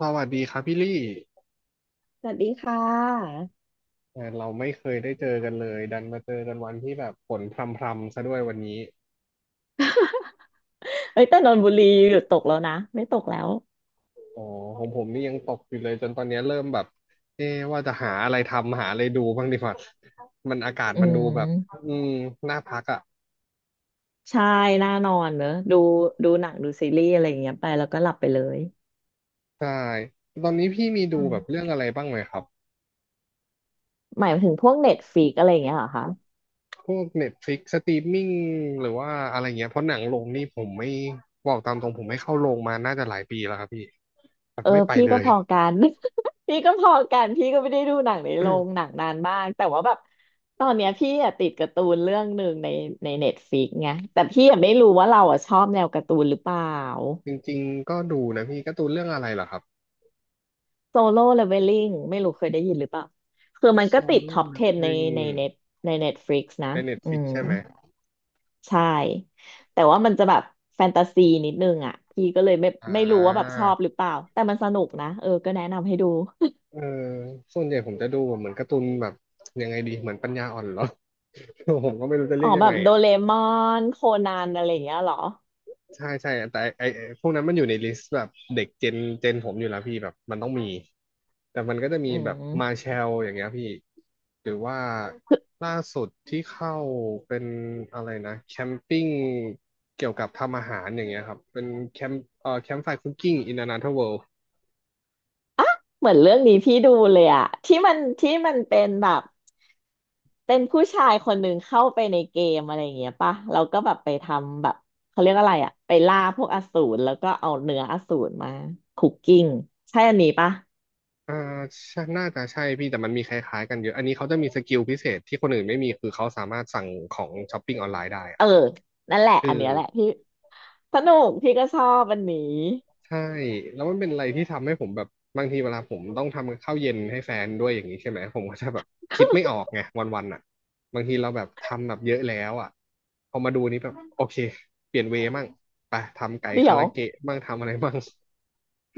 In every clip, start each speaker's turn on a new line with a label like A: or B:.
A: สวัสดีครับพี่ลี่
B: สวัสดีค่ะ
A: แหมเราไม่เคยได้เจอกันเลยดันมาเจอกันวันที่แบบฝนพรำๆซะด้วยวันนี้
B: เอ้ยแต่นนทบุรีหยุดตกแล้วนะไม่ตกแล้ว
A: อ๋อของผมนี่ยังตกอยู่เลยจนตอนนี้เริ่มแบบเอ๊ะว่าจะหาอะไรทำหาอะไรดูบ้างดีกว่ามันอากาศ
B: อื
A: มันดูแบบ
B: ม
A: อืมน่าพักอ่ะ
B: ใช่น่านอนเนอะดูหนังดูซีรีส์อะไรอย่างเงี้ยไปแล้วก็หลับไปเลย
A: ใช่ตอนนี้พี่มีดู
B: อื
A: แบบเรื่
B: ม
A: องอะไรบ้างไหมครับ
B: หมายถึงพวกเน็ตฟ i ิกอะไรอย่างเงี้ยเหรอคะ
A: พวก Netflix สตรีมมิ่งหรือว่าอะไรเงี้ยเพราะหนังลงนี่ผมไม่บอกตามตรงผมไม่เข้าโรงมาน่าจะหลายปีแล้วครับพี่แบบ
B: เออ
A: ไม่ไป
B: พี่
A: เล
B: ก็
A: ย
B: พอกัน พี่ก็พอกันพี่ก็ไม่ได้ดูหนังในโรง หนังนานมากแต่ว่าแบบตอนเนี้ยพี่อะติดการ์ตูนเรื่องหนึ่งในเน็ตฟลิกไงแต่พี่อะไม่รู้ว่าเราอะชอบแนวการ์ตูนหรือเปล่า
A: จริงๆก็ดูนะพี่การ์ตูนเรื่องอะไรเหรอครับ
B: โซโล่เลเวลลิ่งไม่รู้เคยได้ยินหรือเปล่าคือมัน
A: โซ
B: ก็ติดท็
A: โล่
B: อป
A: นัก
B: 10
A: เรง
B: ในเน็ตในเน็ตฟลิกซ์นะ
A: ในเน็ตฟ
B: อื
A: ลิก
B: ม
A: ใช่ไหม
B: ใช่แต่ว่ามันจะแบบแฟนตาซีนิดนึงอ่ะพี่ก็เลยไม่
A: อ่
B: ไม่รู้ว่าแบบ
A: า
B: ชอบหรือเปล่าแต่มันสนุกนะเออก็แนะนำให้ดู
A: เออส่วนใหญ่ผมจะดูแบบเหมือนการ์ตูนแบบยังไงดีเหมือนปัญญาอ่อนเหรอ ผมก็ไม่รู้จะ
B: อ๋
A: เรี
B: อ
A: ยกยั
B: แบ
A: งไง
B: บโดเรมอนโคนันอะไรอย่างเงี้ยเหรอ
A: ใช่ใช่แต่ไอไอ้พวกนั้นมันอยู่ในลิสต์แบบเด็กเจนเจนผมอยู่แล้วพี่แบบมันต้องมีแต่มันก็จะมี
B: อื
A: แบบมา
B: ม
A: เชลอย่างเงี้ยพี่หรือว่าล่าสุดที่เข้าเป็นอะไรนะแคมปิ้งเกี่ยวกับทำอาหารอย่างเงี้ยครับเป็นแคมแคมป์ไฟคุกกิ้งอินอนาเธอร์เวิล
B: เหมือนเรื่องนี้พี่ดูเลยอะที่มันเป็นแบบเป็นผู้ชายคนหนึ่งเข้าไปในเกมอะไรอย่างเงี้ยป่ะเราก็แบบไปทำแบบเขาเรียกอะไรอะไปล่าพวกอสูรแล้วก็เอาเนื้ออสูรมาคุกกิ้งใช่อันนี้ป่ะ
A: อ่าใช่น่าจะใช่พี่แต่มันมีคล้ายๆกันเยอะอันนี้เขาจะมีสกิลพิเศษที่คนอื่นไม่มีคือเขาสามารถสั่งของช้อปปิ้งออนไลน์ได้
B: เอ
A: อะ
B: อนั่นแหละ
A: เอ
B: อันเนี้ยแหละ
A: อ
B: พี่สนุกพี่ก็ชอบอันนี้
A: ใช่แล้วมันเป็นอะไรที่ทำให้ผมแบบบางทีเวลาผมต้องทำข้าวเย็นให้แฟนด้วยอย่างนี้ใช่ไหมผมก็จะแบบคิดไม่ออกไงวันๆอ่ะบางทีเราแบบทำแบบเยอะแล้วอ่ะพอมาดูนี้แบบโอเคเปลี่ยนเวย์มั่งไปทำไก่
B: เดี๋ย
A: คา
B: ว
A: ราเกะมั่งทำอะไรมั่ง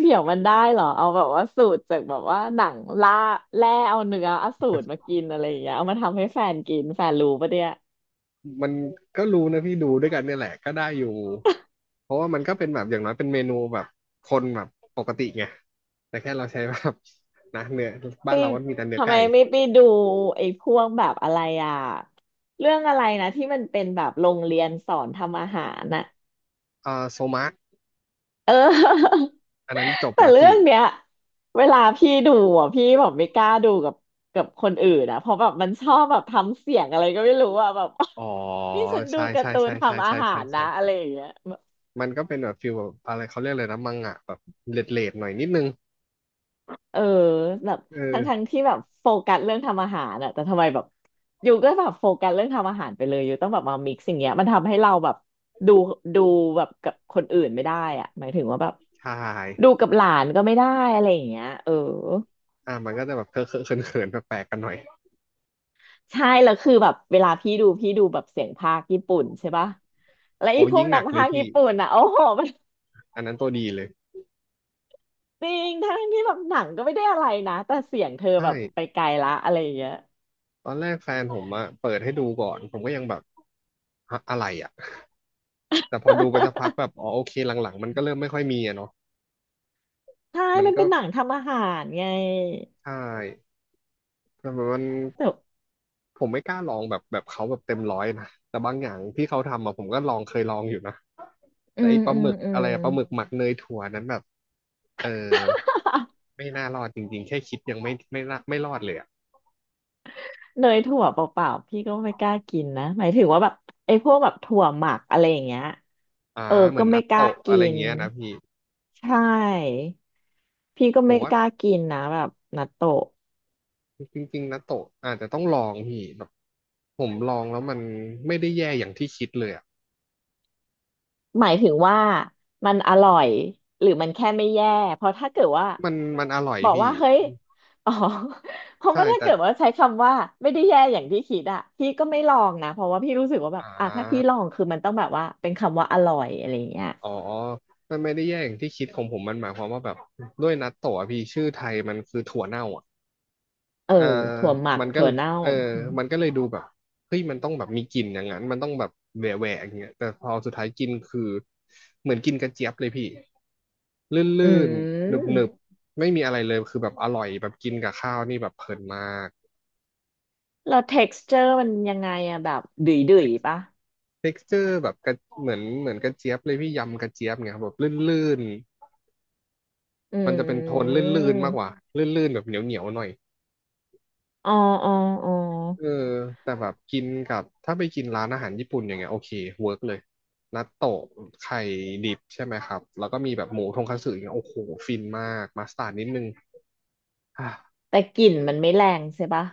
B: เดี๋ยวมันได้เหรอเอาแบบว่าสูตรจากแบบว่าหนังล่าแร่เอาเนื้ออสูรมากินอะไรอย่างเงี้ยเอามาทำให้แฟนกินแฟนรู้ปะเนี่ย
A: มันก็รู้นะพี่ดูด้วยกันเนี่ยแหละก็ได้อยู่เพราะว่ามันก็เป็นแบบอย่างน้อยเป็นเมนูแบบคนแบบปกติไงแต่แค่เราใช้แบบนะเนื้อ
B: ไป
A: บ้านเราก็มีแต่เนื้อ
B: ทำไม
A: ไก่
B: ไม่ไปดูไอ้พวกแบบอะไรอ่ะเรื่องอะไรนะที่มันเป็นแบบโรงเรียนสอนทำอาหารน่ะ
A: อ่าโซมะ
B: เออ
A: อันนั้นจ บ
B: แต่
A: แล้ว
B: เรื่อ
A: พี่
B: งเนี้ยเวลาพี่ดูอ่ะพี่แบบไม่กล้าดูกับคนอื่นอ่ะเพราะแบบมันชอบแบบทำเสียงอะไรก็ไม่รู้อ่ะแบบ
A: อ๋อ
B: นี่ฉันดู
A: ใช่
B: กา
A: ใช่
B: ร์ตูน
A: ใช่ใช่
B: ทำอา
A: ใช่
B: หา
A: ใช่
B: รนะ
A: ใช่
B: อะไรอ
A: ใช่
B: ย่างเงี้ย
A: มันก็เป็นแบบฟิลแบบอะไรเขาเรียกเลยนะมังงะแบบเลดเลดๆหน่อยนิดนึง
B: เออแบบ
A: เ
B: ทั้ง
A: ออ
B: ที่แบบโฟกัสเรื่องทำอาหารอะแต่ทำไมแบบอยู่ก็แบบโฟกัสเรื่องทำอาหารไปเลยอยู่ต้องแบบมามิกซ์อย่างเงี้ยมันทำให้เราแบบดูดูแบบกับคนอื่นไม่ได้อะหมายถึงว่าแบบ
A: ใช่
B: ดูกับหลานก็ไม่ได้อะไรอย่างเงี้ยเออ
A: อ่ะมันก็จะแบบเคอะเคอะเขินเขินแปลกๆกันหน่อย
B: ใช่แล้วคือแบบเวลาพี่ดูแบบเสียงพากย์ญี่ปุ่นใช่ปะแล้วไอ้
A: โอ้
B: พว
A: ยิ่
B: ก
A: งห
B: นั
A: นั
B: ก
A: กเล
B: พา
A: ย
B: กย์
A: พี่
B: ญี่ปุ่นอ่ะโอ้โหมัน
A: อันนั้นตัวดีเลย
B: จริงทั้งที่แบบหนังก็ไม่ได้อะไรนะแต่เสียงเธอ
A: ใช่
B: แบบไปไกลละอะไรอย่างเงี้ย
A: ตอนแรกแฟนผมอะเปิดให้ดูก่อนผมก็ยังแบบฮะอะไรอะแต่พอดูไปสักพักแบบอ๋อโอเคหลังๆมันก็เริ่มไม่ค่อยมีอะเนาะ
B: ใช่
A: มัน
B: มัน
A: ก็
B: เป็นหนังทำอาหารไง
A: ใช่แต่มัน
B: แต่
A: ผมไม่กล้าลองแบบแบบเขาแบบเต็มร้อยนะแต่บางอย่างที่เขาทำอะผมก็ลองเคยลองอยู่นะ
B: อื
A: แต่ไอ
B: ม
A: ปลา
B: อื
A: ห
B: ม
A: มึก
B: อื
A: อะ
B: ม
A: ไรอะปลาหมึกหมักเนยถั่วนั้นแบบเออไม่น่ารอดจริงๆแค่คิดยังไม่ไม่น่าไม่รอดเลยอ่ะ
B: เนยถั่วเปล่าๆพี่ก็ไม่กล้ากินนะหมายถึงว่าแบบไอ้พวกแบบถั่วหมักอะไรอย่างเงี้ย
A: อ่า
B: เออ
A: เหมื
B: ก็
A: อน
B: ไม่
A: นัต
B: กล้า
A: โตะอะ
B: กิ
A: ไร
B: น
A: เงี้ยนะพี่
B: ใช่พี่ก็
A: ผม
B: ไม่
A: ว่า
B: กล้ากินนะแบบนัตโตะ
A: จริงๆนัตโตะอาจจะต้องลองพี่แบบผมลองแล้วมันไม่ได้แย่อย่างที่คิดเลยอ่ะ
B: หมายถึงว่ามันอร่อยหรือมันแค่ไม่แย่เพราะถ้าเกิดว่า
A: มันมันอร่อย
B: บอก
A: พี่
B: ว่าเฮ้ยอ๋อ เพราะ
A: ใช่
B: ว่าถ้า
A: แต่
B: เกิดว่าใช้คำว่าไม่ได้แย่อย่างที่คิดอะพี่ก็ไม่ลองนะเพราะว่าพี่รู้สึกว่าแบบ
A: อ่
B: อ่ะถ้าพี่ล
A: า
B: องคือมันต้องแบบว่าเป็นคำว่าอร่อยอะไรอย่างเงี้ย
A: อ๋อมันไม่ได้แย่อย่างที่คิดของผมมันหมายความว่าแบบด้วยนัตโตะอะพี่ชื่อไทยมันคือถั่วเน่าอะ
B: เออ
A: เออ
B: ถั่วหมัก
A: มันก็
B: ถั่วเน่า
A: เออ
B: อืม
A: มันก็เลยดูแบบเฮ้ยมันต้องแบบมีกลิ่นอย่างนั้นมันต้องแบบแหวะแหวะอย่างเงี้ยแต่พอสุดท้ายกินคือเหมือนกินกระเจี๊ยบเลยพี่
B: อื
A: ลื่นๆหนึบ
B: ม
A: ๆไม่มีอะไรเลยคือแบบอร่อยแบบกินกับข้าวนี่แบบเพลินมาก
B: แล้ว texture มันยังไงอะแบบดุยดุยปะ
A: t e เจอร์แบบกระเหมือนเหมือนกระเจี๊ยบเลยพี่ยำกระเจี๊ยบเนี่ยครับแบบลื่น
B: อื
A: ๆมันจะเป็นโทน
B: ม
A: ลื่นๆมากกว่าลื่นๆแบบเหนียวๆหน่อย
B: อ๋ออ๋ออ๋อ
A: เออแต่แบบกินกับถ้าไปกินร้านอาหารญี่ปุ่นอย่างเงี้ยโอเคเวิร์กเลยนัตโตะไข่ดิบใช่ไหมครับแล้วก็มีแบบหมูทงคัตสึอย่างเงี้ยโอ้โหฟินมากมัสตาร์ดนิดนึงอ่ะ
B: แต่กลิ่นมันไม่แรงใช่ปะ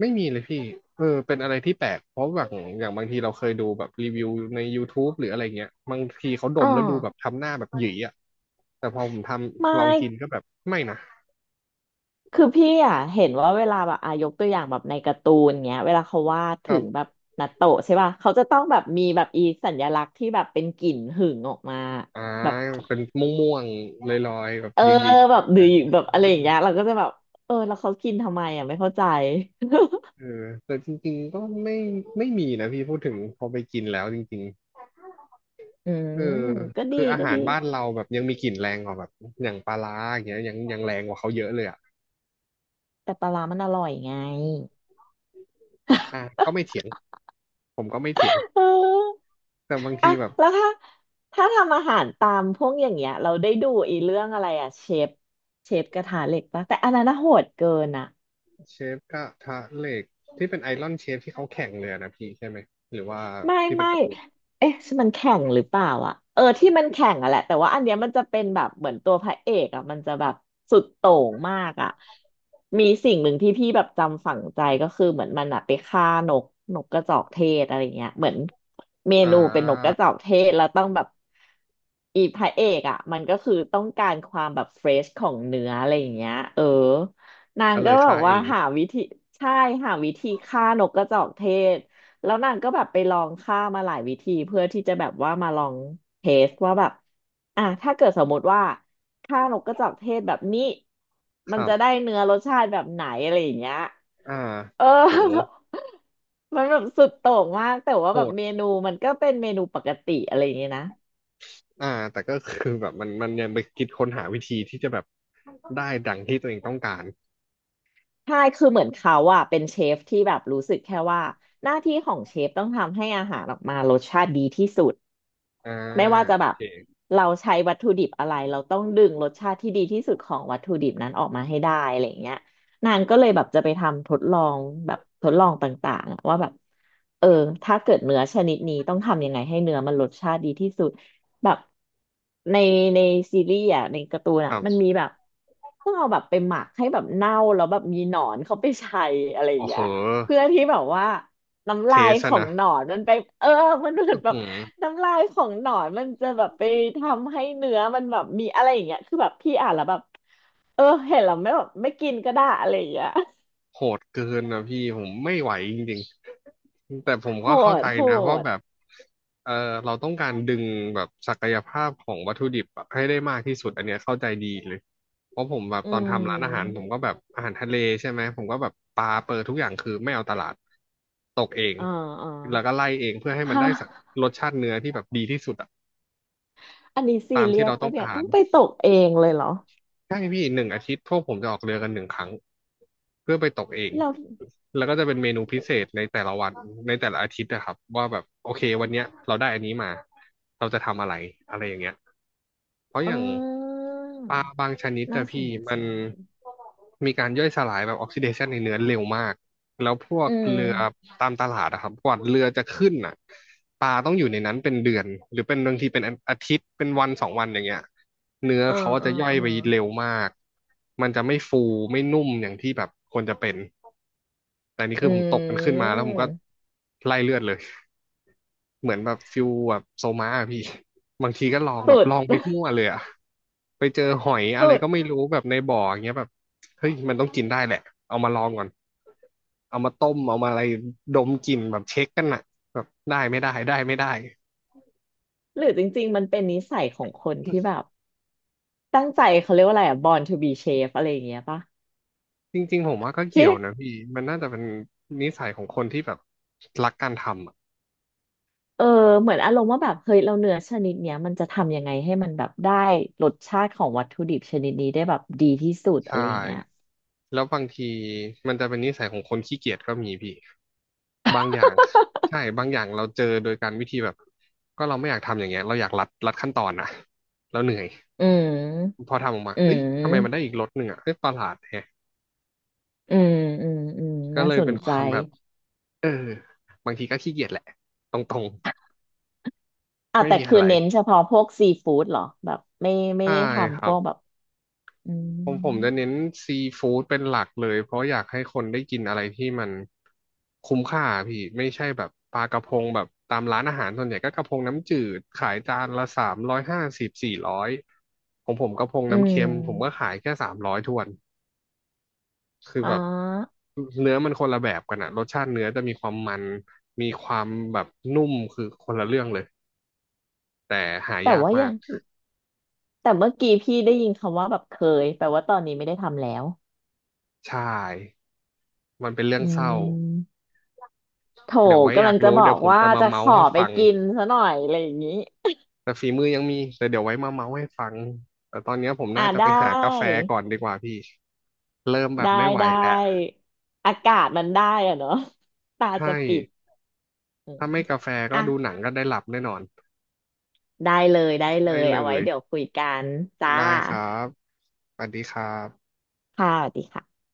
A: ไม่มีเลยพี่เออเป็นอะไรที่แปลกเพราะแบบอย่างบางทีเราเคยดูแบบรีวิวใน YouTube หรืออะไรเงี้ยบางทีเขาด
B: อ๋อ
A: มแล้วดูแบบทำหน้าแบบหยีอ่ะแต่พอผมท
B: ไม่
A: ำลองกินก็แบบไม่นะ
B: คือพี่อะเห็นว่าเวลาแบบอายกตัวอย่างแบบในการ์ตูนเงี้ยเวลาเขาวาด
A: ค
B: ถึ
A: รับ
B: งแบบนาโตะใช่ปะเขาจะต้องแบบมีแบบอีสัญลักษณ์ที่แบบเป็นกลิ่นหึ่งออกมา
A: อ่า
B: แบบ
A: เป็นม่วงๆลอยๆแบบ
B: เออ
A: หยี
B: แบบดุอแบบอะไรอย่าง
A: ๆ
B: เงี้ยเราก็จะแบบเออแล้วเขากินทำไมอ่ะไม่เข้าใจ
A: เออแต่จริงๆก็ไม่มีนะพี่พูดถึงพอไปกินแล้วจริง
B: อื
A: ๆเอ
B: ม
A: อ
B: ก็ดี
A: คืออา
B: ก็
A: หา
B: ดี
A: รบ้านเราแบบยังมีกลิ่นแรงกว่าแบบอย่างปลาร้าอย่างเงี้ยยังแรงกว่าเขาเยอะเลยอ่ะ
B: แต่ปลาร้ามันอร่อยไง
A: อ่ะก็ไม่ เถียงผมก็ไม่เถียง
B: เออ
A: แต่บาง
B: อะ
A: ทีแบบ
B: แล้วถ้าถ้าทำอาหารตามพวกอย่างเงี้ยเราได้ดูอีเรื่องอะไรอะเชฟเชฟกระทะเหล็กปะแต่อันนั้นน่ะโหดเกินอะ
A: เชฟกระทะเหล็กที่เป็นไอรอนเชฟที่เขาแข่งเลยอะนะพี่ใช่ไหมหรือว่า
B: ไม่
A: ที่เป็น
B: ไม่
A: การ์ตูน
B: เอ๊ะมันแข่งหรือเปล่าอ่ะเออที่มันแข่งอ่ะแหละแต่ว่าอันเนี้ยมันจะเป็นแบบเหมือนตัวพระเอกอ่ะมันจะแบบสุดโต่งมากอ่ะมีสิ่งหนึ่งที่พี่แบบจำฝังใจก็คือเหมือนมันอะไปฆ่านกกระจอกเทศอะไรเงี้ยเหมือนเม
A: อ่
B: นูเป็นนกก
A: า
B: ระจอกเทศแล้วต้องแบบอีพระเอกอ่ะมันก็คือต้องการความแบบเฟรชของเนื้ออะไรอย่างเงี้ยเออนาง
A: ก็เล
B: ก็
A: ย
B: แบ
A: ฆ่า
B: บ
A: เอ
B: ว่า
A: ง
B: หาวิธีใช่หาวิธีฆ่านกกระจอกเทศ แล้วนางก็แบบไปลองฆ่ามาหลายวิธีเพื่อที่จะแบบว่ามาลองเทสว่าแบบอ่ะถ้าเกิดสมมติว่าฆ่านกกระจอกเทศแบบนี้
A: ค
B: มัน
A: รั
B: จะได้
A: บ
B: เนื้อรสชาติแบบไหนอะไรอย่างเงี้ย
A: อ่า
B: เออ
A: โห
B: มันแบบสุดโต่งมากแต่ว่า
A: โห
B: แบบ
A: ด
B: เมนูมันก็เป็นเมนูปกติอะไรอย่างเงี้ยนะ
A: อ่าแต่ก็คือแบบมันยังไปคิดค้นหาวิธีที่จะแบบได้ดังที่ตัวเองต้องการ
B: ใช่คือเหมือนเขาอะเป็นเชฟที่แบบรู้สึกแค่ว่าหน้าที่ของเชฟต้องทำให้อาหารออกมารสชาติดีที่สุด
A: อ่า
B: ไม่ว่าจะ
A: โอ
B: แบบ
A: เค
B: เราใช้วัตถุดิบอะไรเราต้องดึงรสชาติที่ดีที่สุดของวัตถุดิบนั้นออกมาให้ได้อะไรอย่างเงี้ยนางก็เลยแบบจะไปทำทดลองแบบทดลองต่างๆอะว่าแบบเออถ้าเกิดเนื้อชนิดนี้ต้องทำยังไงให้เนื้อมันรสชาติดีที่สุดแบบในในซีรีส์อ่ะในการ์ตูน
A: ค
B: อ่ะ
A: รั
B: มัน
A: บ
B: มีแบบต้องเอาแบบไปหมักให้แบบเน่าแล้วแบบมีหนอนเขาไปใช้อะไรอย่า
A: โอ้
B: ง
A: โห
B: เงี้ยเพื่อที่แบบว่าน้ำ
A: เท
B: ลาย
A: ส
B: ข
A: อะ
B: อง
A: นะ
B: หนอนมันไปเออมันเหมือ
A: อื้
B: น
A: อ
B: แบบ
A: หือ
B: น้ำลายของหนอนมันจะแบบไปทำให้เนื้อมันแบบมีอะไรอย่างเงี้ยคือแบบพี่อ่านแล้วแบบเออเห็นแล้วไม่แบบไม่กินก็ได้อะไรอย่างเงี้ย
A: โหดเกินนะพี่ผมไม่ไหวจริงๆแต่ผม
B: โห
A: ก็เข้าใจ
B: ดโห
A: นะว่า
B: ด
A: แบบเออเราต้องการดึงแบบศักยภาพของวัตถุดิบอะให้ได้มากที่สุดอันเนี้ยเข้าใจดีเลยเพราะผมแบบ
B: อื
A: ตอนทำร้านอาหารผม
B: ม
A: ก็แบบอาหารทะเลใช่ไหมผมก็แบบปลาเปิดทุกอย่างคือไม่เอาตลาดตกเอง
B: อ่าอ่า
A: แล้วก็ไล่เองเพื่อให้มันได้
B: ฮะ
A: สักรสชาติเนื้อที่แบบดีที่สุดอะ
B: อันนี้ซี
A: ตาม
B: เรี
A: ที่
B: ยส
A: เราต้อ
B: ปะ
A: ง
B: เนี่ย
A: กา
B: ต้
A: ร
B: องไปตกเองเลยเหรอ
A: ใช่พี่หนึ่งอาทิตย์พวกผมจะออกเรือกันหนึ่งครั้งเพื่อไปตกเอง
B: เรา
A: แล้วก็จะเป็นเมนูพิเศษในแต่ละวันในแต่ละอาทิตย์นะครับว่าแบบโอเควันเนี้ยเราได้อันนี้มาเราจะทำอะไรอะไรอย่างเงี้ยเพราะอ
B: อ่
A: ย่าง
B: า
A: ปลาบางชนิด
B: น่า
A: อะ
B: ส
A: พี่
B: น
A: มั
B: ใจ
A: นมีการย่อยสลายแบบออกซิเดชันในเนื้อเร็วมาก แล้วพวก
B: อืม
A: เรือตามตลาดอะครับกว่าเรือจะขึ้นอ่ะปลาต้องอยู่ในนั้นเป็นเดือนหรือเป็นบางทีเป็นอาทิตย์เป็นวันสองวันอย่างเงี้ยเนื้อ
B: อ่า
A: เขา
B: อ่า
A: จะย่อย
B: อ่า
A: ไปเร็วมากมันจะไม่ฟูไม่นุ่มอย่างที่แบบควรจะเป็นแต่นี่
B: อื
A: คือผมตกมันขึ้นมาแล้วผมก็
B: ม
A: ไล่เลือดเลย เหมือนแบบฟิลแบบโซมาอะพี่ บางทีก็ลองแบ
B: สุ
A: บ
B: ด
A: ลองไปทั่วเลยอะไปเจอหอย อะไร
B: สุด
A: ก็ไม่รู้แบบในบ่ออย่างเงี้ยแบบเฮ้ยมันต้องกินได้แหละเอามาลองก่อนเอามาต้มเอามาอะไรดมกลิ่นแบบเช็คกันอะแบบได้ไม่ได้ได้ไม่ได้
B: หรือจริงๆมันเป็นนิสัยของคนที่แบบ ตั้งใจเขาเรียกว่าอะไรอะ born to be chef อะไรอย่างเงี้ยปะ
A: จริงๆผมว่าก็เกี่
B: ที่
A: ยวนะพี่มันน่าจะเป็นนิสัยของคนที่แบบรักการทำอ่ะ
B: เออเหมือนอารมณ์ว่าแบบเฮ้ยเราเนื้อชนิดเนี้ยมันจะทำยังไงให้มันแบบได้รสชาติของวัตถุดิบชนิดนี้ได้แบบดีที่สุดอะ
A: ใช่
B: ไรอย่างเงี้ย
A: แล้วบางทีมันจะเป็นนิสัยของคนขี้เกียจก็มีพี่บางอย่างใช่บางอย่างเราเจอโดยการวิธีแบบก็เราไม่อยากทำอย่างเงี้ยเราอยากรัดขั้นตอนนะเราเหนื่อย
B: อืม
A: พอทำออกมา
B: อื
A: เอ้ยทำไมมันได้
B: ม
A: อีกรสหนึ่งอ่ะเอ้ยประหลาดแฮะ
B: อืมอืมอืม
A: ก็
B: น่า
A: เลย
B: ส
A: เป็
B: น
A: นค
B: ใจ
A: วามแบบเออบางทีก็ขี้เกียจแหละตรงๆ
B: อ่ะ
A: ไม่
B: แต่
A: มี
B: คื
A: อะ
B: อ
A: ไร
B: เน้นเฉพาะพวกซีฟู้ดเหรอแบบไม่
A: ใช่
B: ได้
A: ค
B: ทำพ
A: รับ
B: วกแบบอืม
A: ผมจะเน้นซีฟู้ดเป็นหลักเลยเพราะอยากให้คนได้กินอะไรที่มันคุ้มค่าพี่ไม่ใช่แบบปลากระพงแบบตามร้านอาหารส่วนใหญ่ก็กระพงน้ำจืดขายจานละ350-400ของผมกระพง
B: อื
A: น้ำเค็มผมก็
B: ม
A: ขายแค่สามร้อยทวนคือ
B: อ่
A: แบบ
B: า
A: เนื้อมันคนละแบบกันอะรสชาติเนื้อจะมีความมันมีความแบบนุ่มคือคนละเรื่องเลยแต่หา
B: แต่
A: ยาก
B: ว่า
A: มา
B: ยั
A: ก
B: งแต่เมื่อกี้พี่ได้ยินคำว่าแบบเคยแปลว่าตอนนี้ไม่ได้ทำแล้ว
A: ใช่มันเป็นเรื่อ
B: อื
A: งเศร้า
B: ม โถ
A: เดี๋ยวไว้อ
B: กำ
A: ยา
B: ลั
A: ก
B: งจะ
A: รู้
B: บอ
A: เดี๋ยว
B: ก
A: ผม
B: ว่า
A: จะมา
B: จะข
A: เมาส์
B: อ
A: ให้
B: ไป
A: ฟัง
B: กินซะหน่อยอะไรอย่างนี้
A: แต่ฝีมือยังมีแต่เดี๋ยวไว้มาเมาส์ให้ฟังแต่ตอนเนี้ยผม
B: อ่ะ
A: น่าจะไป
B: ได้
A: หากาแฟก่อนดีกว่าพี่เริ่มแบบ
B: ได้
A: ไม่ไหว
B: ได้
A: แล้ว
B: อากาศมันได้อะเนาะ ตาจะ
A: ใช่
B: ปิดอืม
A: ถ้าไม่กาแฟก็
B: อ่ะ
A: ดูหนังก็ได้หลับแน่นอน
B: ได้เลยได้เล
A: ได้
B: ย
A: เล
B: เอาไว้
A: ย
B: เดี๋ยวคุยกันจ้า
A: ได้ครับสวัสดีครับ
B: ค่ะสวัสดีค่ะ